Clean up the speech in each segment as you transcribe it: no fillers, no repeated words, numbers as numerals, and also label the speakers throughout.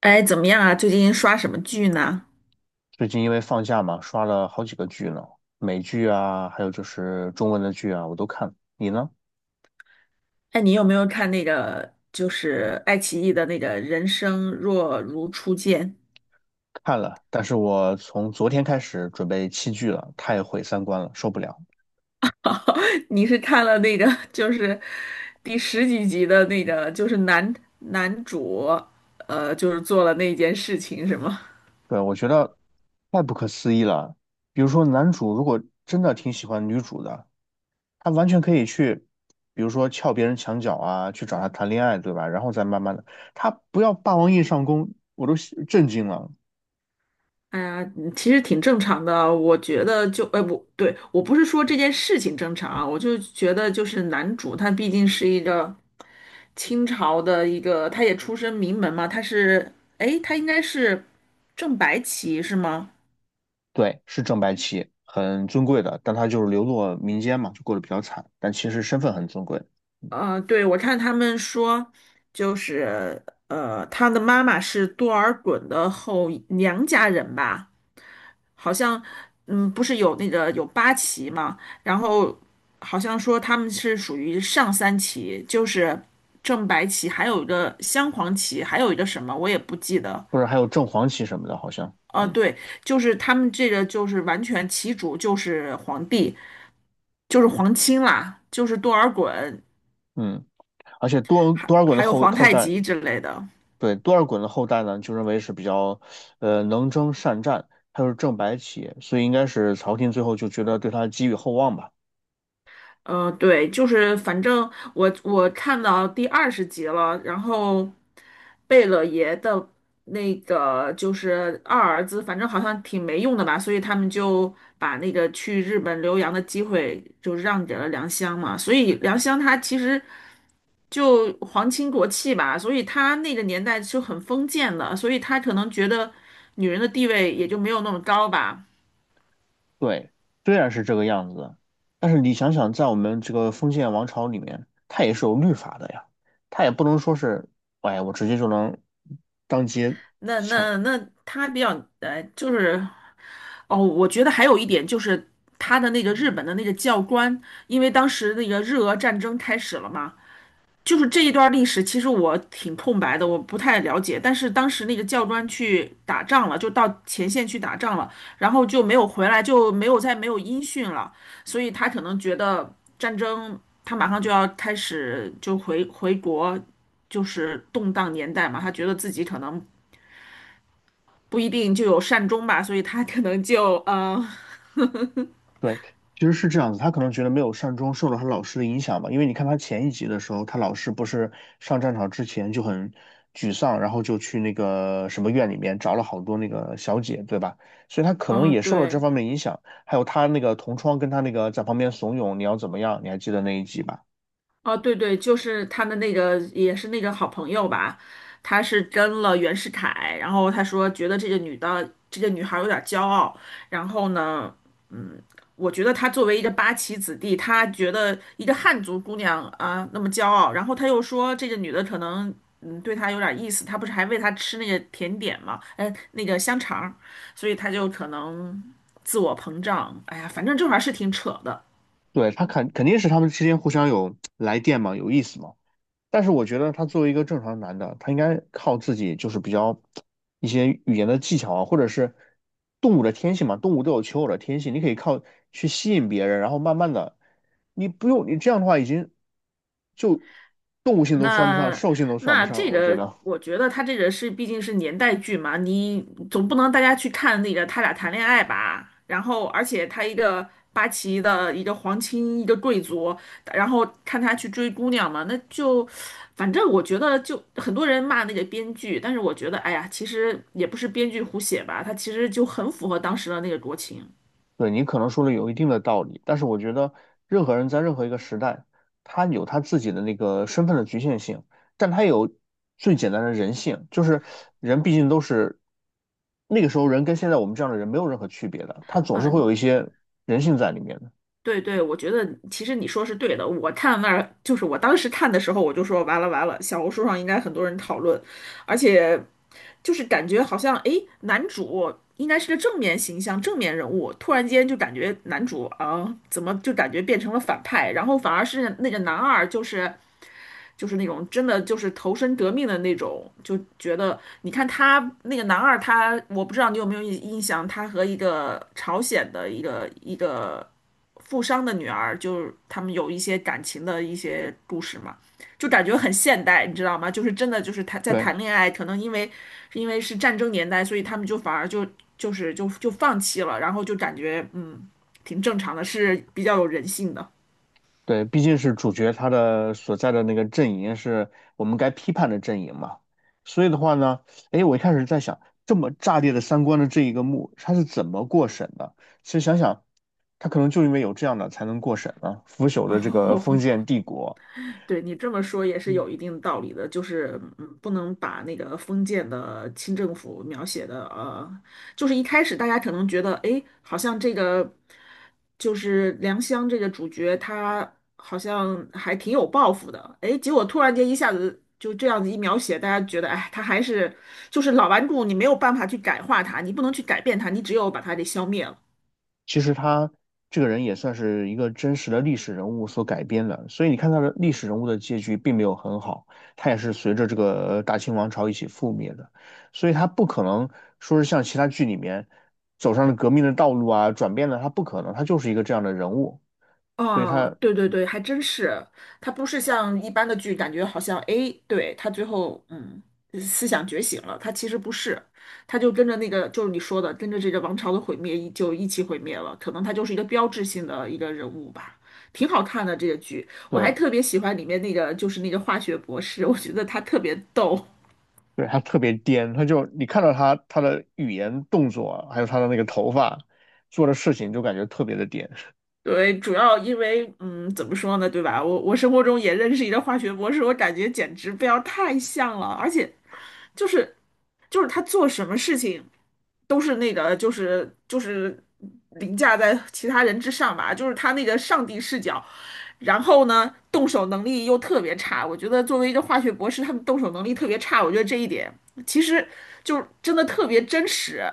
Speaker 1: 哎，怎么样啊？最近刷什么剧呢？
Speaker 2: 最近因为放假嘛，刷了好几个剧呢，美剧啊，还有就是中文的剧啊，我都看。你呢？
Speaker 1: 哎，你有没有看那个就是爱奇艺的那个《人生若如初见》？
Speaker 2: 看了，但是我从昨天开始准备弃剧了，太毁三观了，受不了。
Speaker 1: 你是看了那个就是第十几集的那个，就是男主就是做了那件事情是吗？
Speaker 2: 对，我觉得太不可思议了。比如说，男主如果真的挺喜欢女主的，他完全可以去，比如说撬别人墙角啊，去找她谈恋爱，对吧？然后再慢慢的，他不要霸王硬上弓，我都震惊了。
Speaker 1: 哎呀，嗯其实挺正常的啊，我觉得就，哎，我不是说这件事情正常啊，我就觉得就是男主他毕竟是一个清朝的一个，他也出身名门嘛，他是，哎，他应该是正白旗是吗？
Speaker 2: 对，是正白旗，很尊贵的，但他就是流落民间嘛，就过得比较惨，但其实身份很尊贵，
Speaker 1: 呃，对，我看他们说，就是他的妈妈是多尔衮的后娘家人吧。好像，嗯，不是有那个有八旗嘛，然后好像说他们是属于上三旗，就是正白旗，还有一个镶黄旗，还有一个什么我也不记得。
Speaker 2: 或者还有正黄旗什么的，好像，
Speaker 1: 呃，对，就是他们这个就是完全旗主就是皇帝，就是皇亲啦，就是多尔衮，
Speaker 2: 嗯，而且多
Speaker 1: 还
Speaker 2: 多尔衮的
Speaker 1: 还有
Speaker 2: 后
Speaker 1: 皇
Speaker 2: 后
Speaker 1: 太
Speaker 2: 代，
Speaker 1: 极之类的。
Speaker 2: 对，多尔衮的后代呢，就认为是比较，能征善战，他又是正白旗，所以应该是朝廷最后就觉得对他寄予厚望吧。
Speaker 1: 嗯，对，就是反正我看到第20集了，然后贝勒爷的那个就是二儿子，反正好像挺没用的吧，所以他们就把那个去日本留洋的机会就让给了良乡嘛，所以良乡他其实就皇亲国戚吧，所以他那个年代是很封建的，所以他可能觉得女人的地位也就没有那么高吧。
Speaker 2: 对，虽然是这个样子，但是你想想，在我们这个封建王朝里面，它也是有律法的呀，它也不能说是，哎，我直接就能当街
Speaker 1: 那
Speaker 2: 抢。
Speaker 1: 那那他比较就是。哦，我觉得还有一点就是他的那个日本的那个教官，因为当时那个日俄战争开始了嘛，就是这一段历史，其实我挺空白的，我不太了解。但是当时那个教官去打仗了，就到前线去打仗了，然后就没有回来，就没有再没有音讯了，所以他可能觉得战争他马上就要开始，就回国，就是动荡年代嘛，他觉得自己可能不一定就有善终吧，所以他可能就。
Speaker 2: 对，其实是这样子，他可能觉得没有善终，受了他老师的影响吧，因为你看他前一集的时候，他老师不是上战场之前就很沮丧，然后就去那个什么院里面找了好多那个小姐，对吧？所以他可能
Speaker 1: 嗯，
Speaker 2: 也受了这
Speaker 1: 对，
Speaker 2: 方面影响，还有他那个同窗跟他那个在旁边怂恿你要怎么样，你还记得那一集吧？
Speaker 1: 哦，对对，就是他的那个，也是那个好朋友吧，他是跟了袁世凯，然后他说觉得这个女的，这个女孩儿有点儿骄傲，然后呢，嗯，我觉得他作为一个八旗子弟，他觉得一个汉族姑娘啊那么骄傲，然后他又说这个女的可能对他有点儿意思，他不是还喂他吃那个甜点嘛，哎，那个香肠儿所以他就可能自我膨胀，哎呀，反正这玩意儿是挺扯的。
Speaker 2: 对，他肯定是他们之间互相有来电嘛，有意思嘛。但是我觉得他作为一个正常男的，他应该靠自己，就是比较一些语言的技巧啊，或者是动物的天性嘛，动物都有求偶的天性，你可以靠去吸引别人，然后慢慢的，你不用你这样的话，已经就动物性都算不上，
Speaker 1: 那
Speaker 2: 兽性都算不
Speaker 1: 那
Speaker 2: 上了，
Speaker 1: 这
Speaker 2: 我觉
Speaker 1: 个，
Speaker 2: 得。
Speaker 1: 我觉得他这个是毕竟是年代剧嘛，你总不能大家去看那个他俩谈恋爱吧？然后，而且他一个八旗的一个皇亲，一个贵族，然后看他去追姑娘嘛，那就反正我觉得就很多人骂那个编剧，但是我觉得哎呀，其实也不是编剧胡写吧，他其实就很符合当时的那个国情。
Speaker 2: 对，你可能说的有一定的道理，但是我觉得任何人在任何一个时代，他有他自己的那个身份的局限性，但他有最简单的人性，就是人毕竟都是那个时候人跟现在我们这样的人没有任何区别的，他总是
Speaker 1: 呃
Speaker 2: 会有一些人性在里面的。
Speaker 1: 对对，我觉得其实你说是对的。我看那儿就是我当时看的时候，我就说完了完了，小红书上应该很多人讨论，而且就是感觉好像诶，男主应该是个正面形象、正面人物，突然间就感觉男主啊，怎么就感觉变成了反派，然后反而是那个男二就是那种真的就是投身革命的那种，就觉得你看他那个男二他，我不知道你有没有印象，他和一个朝鲜的一个。富商的女儿，就是他们有一些感情的一些故事嘛，就感觉很现代，你知道吗？就是真的就是谈在
Speaker 2: 对。
Speaker 1: 谈恋爱，可能因为是战争年代，所以他们就反而就放弃了，然后就感觉挺正常的，是比较有人性的。
Speaker 2: 对，毕竟是主角他的所在的那个阵营是我们该批判的阵营嘛，所以的话呢，哎，我一开始在想，这么炸裂的三观的这一个幕，他是怎么过审的？其实想想，他可能就因为有这样的才能过审啊，腐朽 的这个封
Speaker 1: 哦，
Speaker 2: 建帝国。
Speaker 1: 对你这么说也是
Speaker 2: 嗯。
Speaker 1: 有一定道理的，就是不能把那个封建的清政府描写的就是一开始大家可能觉得，哎，好像这个就是良乡这个主角他好像还挺有抱负的，哎，结果突然间一下子就这样子一描写，大家觉得，哎，他还是就是老顽固，你没有办法去改化他，你不能去改变他，你只有把他给消灭了。
Speaker 2: 其实他这个人也算是一个真实的历史人物所改编的，所以你看他的历史人物的结局并没有很好，他也是随着这个大清王朝一起覆灭的，所以他不可能说是像其他剧里面走上了革命的道路啊，转变了，他不可能，他就是一个这样的人物，所以
Speaker 1: 哦，
Speaker 2: 他
Speaker 1: 对对对，还真是，它不是像一般的剧，感觉好像诶，对，他最后思想觉醒了，他其实不是，他就跟着那个就是你说的，跟着这个王朝的毁灭一起毁灭了，可能他就是一个标志性的一个人物吧，挺好看的这个剧，我还
Speaker 2: 对
Speaker 1: 特别喜欢里面那个就是那个化学博士，我觉得他特别逗。
Speaker 2: 对他特别颠，他就你看到他的语言动作啊，还有他的那个头发做的事情，就感觉特别的颠。
Speaker 1: 对，主要因为，怎么说呢，对吧？我生活中也认识一个化学博士，我感觉简直不要太像了，而且就是就是他做什么事情都是那个就是凌驾在其他人之上吧，就是他那个上帝视角，然后呢动手能力又特别差，我觉得作为一个化学博士，他们动手能力特别差，我觉得这一点其实就真的特别真实。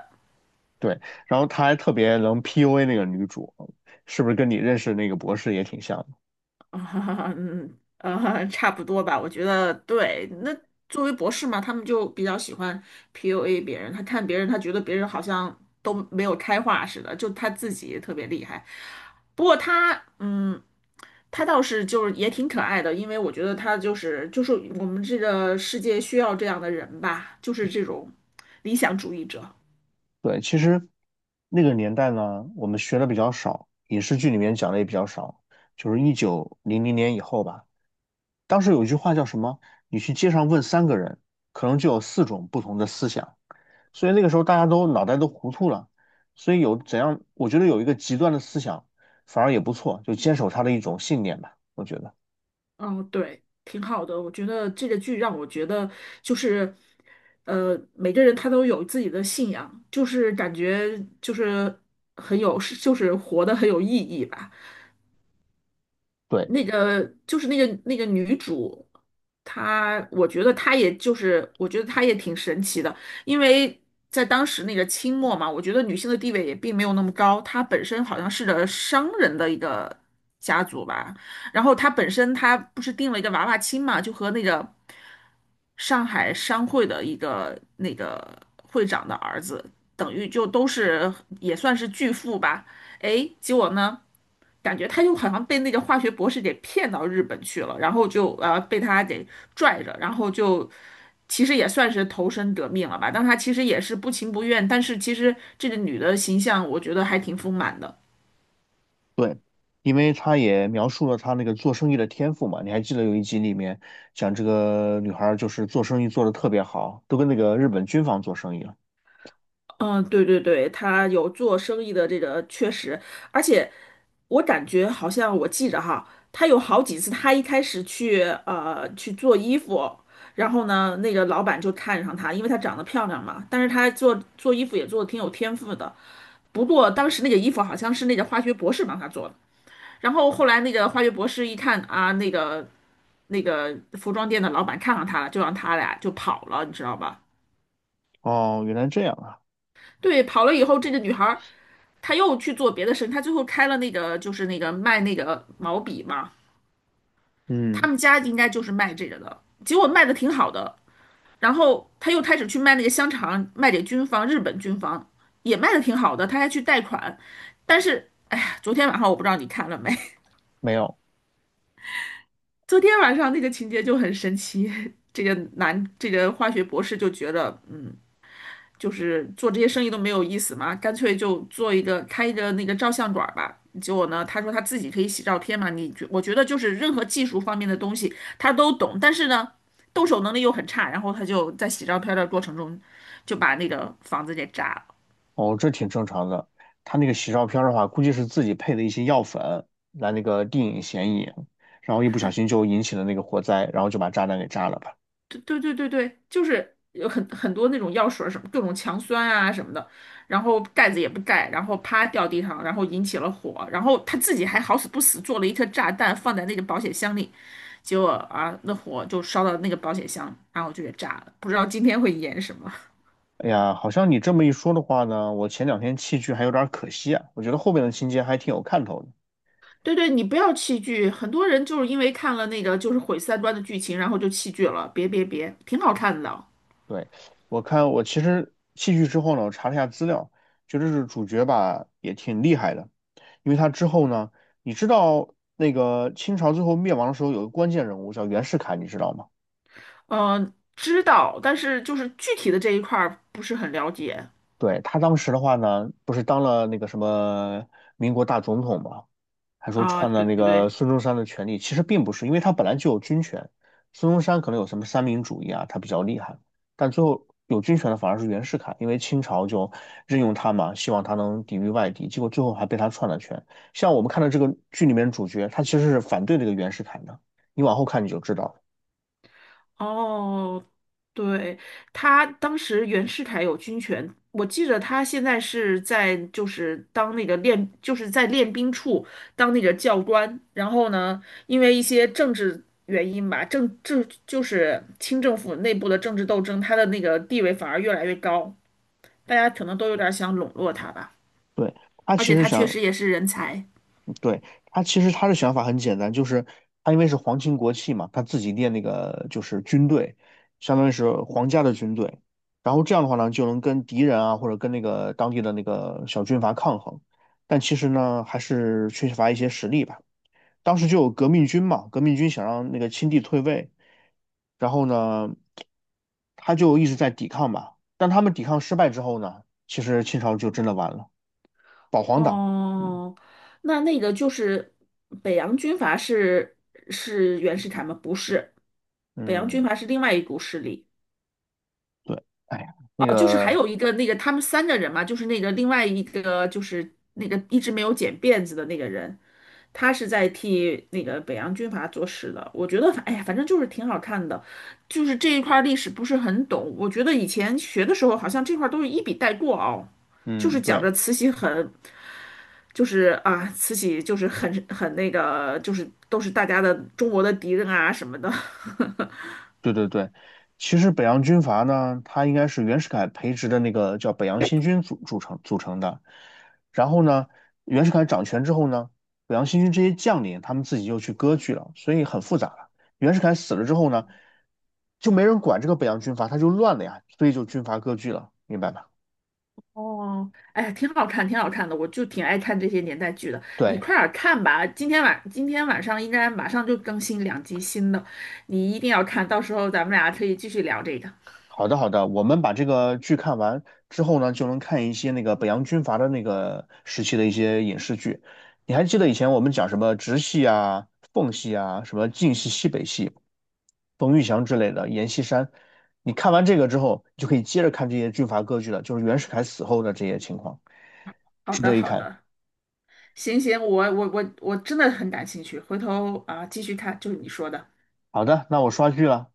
Speaker 2: 对，然后他还特别能 PUA 那个女主，是不是跟你认识那个博士也挺像的？
Speaker 1: 啊，嗯，差不多吧，我觉得对。那作为博士嘛，他们就比较喜欢 PUA 别人，他看别人，他觉得别人好像都没有开化似的，就他自己特别厉害。不过他，他倒是就是也挺可爱的，因为我觉得他就是我们这个世界需要这样的人吧，就是这种理想主义者。
Speaker 2: 对，其实那个年代呢，我们学的比较少，影视剧里面讲的也比较少，就是1900年以后吧。当时有一句话叫什么？你去街上问三个人，可能就有四种不同的思想。所以那个时候大家都脑袋都糊涂了，所以有怎样，我觉得有一个极端的思想反而也不错，就坚守他的一种信念吧，我觉得。
Speaker 1: 嗯，对，挺好的。我觉得这个剧让我觉得就是，每个人他都有自己的信仰，就是感觉就是很有，就是活得很有意义吧。
Speaker 2: 对。
Speaker 1: 那个就是那个女主，她我觉得她也就是，我觉得她也挺神奇的，因为在当时那个清末嘛，我觉得女性的地位也并没有那么高，她本身好像是个商人的一个家族吧，然后她本身她不是定了一个娃娃亲嘛，就和那个上海商会的一个那个会长的儿子，等于就都是也算是巨富吧，诶，结果呢？感觉他就好像被那个化学博士给骗到日本去了，然后就被他给拽着，然后就其实也算是投身革命了吧，但他其实也是不情不愿，但是其实这个女的形象我觉得还挺丰满的。
Speaker 2: 对，因为他也描述了他那个做生意的天赋嘛。你还记得有一集里面讲这个女孩儿就是做生意做得特别好，都跟那个日本军方做生意了。
Speaker 1: 嗯，对对对，她有做生意的这个确实，而且我感觉好像我记着哈，他有好几次，他一开始去做衣服，然后呢，那个老板就看上他，因为她长得漂亮嘛，但是她做衣服也做的挺有天赋的，不过当时那个衣服好像是那个化学博士帮他做的，然后后来那个化学博士一看啊，那个服装店的老板看上他了，就让他俩就跑了，你知道吧？
Speaker 2: 哦，原来这样啊。
Speaker 1: 对，跑了以后，这个女孩儿她又去做别的生意，她最后开了那个就是那个卖那个毛笔嘛，他
Speaker 2: 嗯，
Speaker 1: 们家应该就是卖这个的，结果卖的挺好的，然后她又开始去卖那个香肠，卖给军方，日本军方也卖的挺好的，她还去贷款，但是哎昨天晚上我不知道你看了没。
Speaker 2: 没有。
Speaker 1: 昨天晚上那个情节就很神奇，这个男这个化学博士就觉得，就是做这些生意都没有意思嘛，干脆就做一个开一个那个照相馆儿吧。结果呢，他说他自己可以洗照片嘛，我觉得就是任何技术方面的东西他都懂，但是呢，动手能力又很差，然后他就在洗照片的过程中就把那个房子给炸了。
Speaker 2: 哦，这挺正常的。他那个洗照片儿的话，估计是自己配的一些药粉来那个定影显影，然后一不小心就引起了那个火灾，然后就把炸弹给炸了吧。
Speaker 1: 对对对对对，就是有很多那种药水儿什么各种强酸啊什么的，然后盖子也不盖，然后啪掉地上，然后引起了火，然后他自己还好死不死做了一颗炸弹放在那个保险箱里，结果啊那火就烧到那个保险箱，然后就给炸了，不知道今天会演什么。
Speaker 2: 哎呀，好像你这么一说的话呢，我前两天弃剧还有点儿可惜啊。我觉得后面的情节还挺有看头的。
Speaker 1: 对对，你不要弃剧，很多人就是因为看了那个就是毁三观的剧情，然后就弃剧了，别别别，挺好看的，
Speaker 2: 对，我看我其实戏剧之后呢，我查了一下资料，觉得是主角吧也挺厉害的，因为他之后呢，你知道那个清朝最后灭亡的时候有个关键人物叫袁世凯，你知道吗？
Speaker 1: 嗯、知道，但是就是具体的这一块儿不是很了解。
Speaker 2: 对，他当时的话呢，不是当了那个什么民国大总统嘛，还说
Speaker 1: 啊，
Speaker 2: 篡了
Speaker 1: 对
Speaker 2: 那
Speaker 1: 对
Speaker 2: 个
Speaker 1: 对，
Speaker 2: 孙中山的权利，其实并不是，因为他本来就有军权，孙中山可能有什么三民主义啊，他比较厉害，但最后有军权的反而是袁世凯，因为清朝就任用他嘛，希望他能抵御外敌，结果最后还被他篡了权。像我们看到这个剧里面主角，他其实是反对这个袁世凯的，你往后看你就知道了
Speaker 1: 哦，对，他当时袁世凯有军权，我记得他现在是在就是当那个练，就是在练兵处当那个教官，然后呢，因为一些政治原因吧，就是清政府内部的政治斗争，他的那个地位反而越来越高，大家可能都有点想笼络他吧，
Speaker 2: 对，他
Speaker 1: 而
Speaker 2: 其
Speaker 1: 且
Speaker 2: 实
Speaker 1: 他确
Speaker 2: 想
Speaker 1: 实也是人才。
Speaker 2: 对，他其实他的想法很简单，就是他因为是皇亲国戚嘛，他自己练那个就是军队，相当于是皇家的军队，然后这样的话呢，就能跟敌人啊或者跟那个当地的那个小军阀抗衡，但其实呢还是缺乏一些实力吧。当时就有革命军嘛，革命军想让那个清帝退位，然后呢，他就一直在抵抗吧，但他们抵抗失败之后呢，其实清朝就真的完了，保皇党。嗯。
Speaker 1: 哦，那个就是北洋军阀是袁世凯吗？不是，北洋军
Speaker 2: 嗯。
Speaker 1: 阀是另外一股势力。
Speaker 2: 对，哎呀，那
Speaker 1: 哦，就是还
Speaker 2: 个，
Speaker 1: 有一个那个他们三个人嘛，就是那个另外一个就是那个一直没有剪辫子的那个人。他是在替那个北洋军阀做事的。我觉得哎呀，反正就是挺好看的，就是这一块儿历史不是很懂。我觉得以前学的时候，好像这块儿都是一笔带过哦，就
Speaker 2: 嗯，
Speaker 1: 是讲
Speaker 2: 对，
Speaker 1: 着慈禧很，就是啊，慈禧就是很那个，就是都是大家的中国的敌人啊什么的。
Speaker 2: 对对对，其实北洋军阀呢，它应该是袁世凯培植的那个叫北洋新军组成的。然后呢，袁世凯掌权之后呢，北洋新军这些将领他们自己又去割据了，所以很复杂了。袁世凯死了之后呢，就没人管这个北洋军阀，他就乱了呀，所以就军阀割据了，明白吧？
Speaker 1: 哦，哎，挺好看，挺好看的，我就挺爱看这些年代剧的。你
Speaker 2: 对。
Speaker 1: 快点儿看吧，今天晚上应该马上就更新2集新的，你一定要看，到时候咱们俩可以继续聊这个。
Speaker 2: 好的，好的，我们把这个剧看完之后呢，就能看一些那个北洋军阀的那个时期的一些影视剧。你还记得以前我们讲什么直系啊、奉系啊、什么晋系、西北系、冯玉祥之类的、阎锡山？你看完这个之后，你就可以接着看这些军阀割据了，就是袁世凯死后的这些情况，
Speaker 1: 好
Speaker 2: 值
Speaker 1: 的，
Speaker 2: 得一
Speaker 1: 好
Speaker 2: 看。
Speaker 1: 的，行行，我真的很感兴趣，回头啊、继续看，就是你说的。
Speaker 2: 好的，那我刷剧了。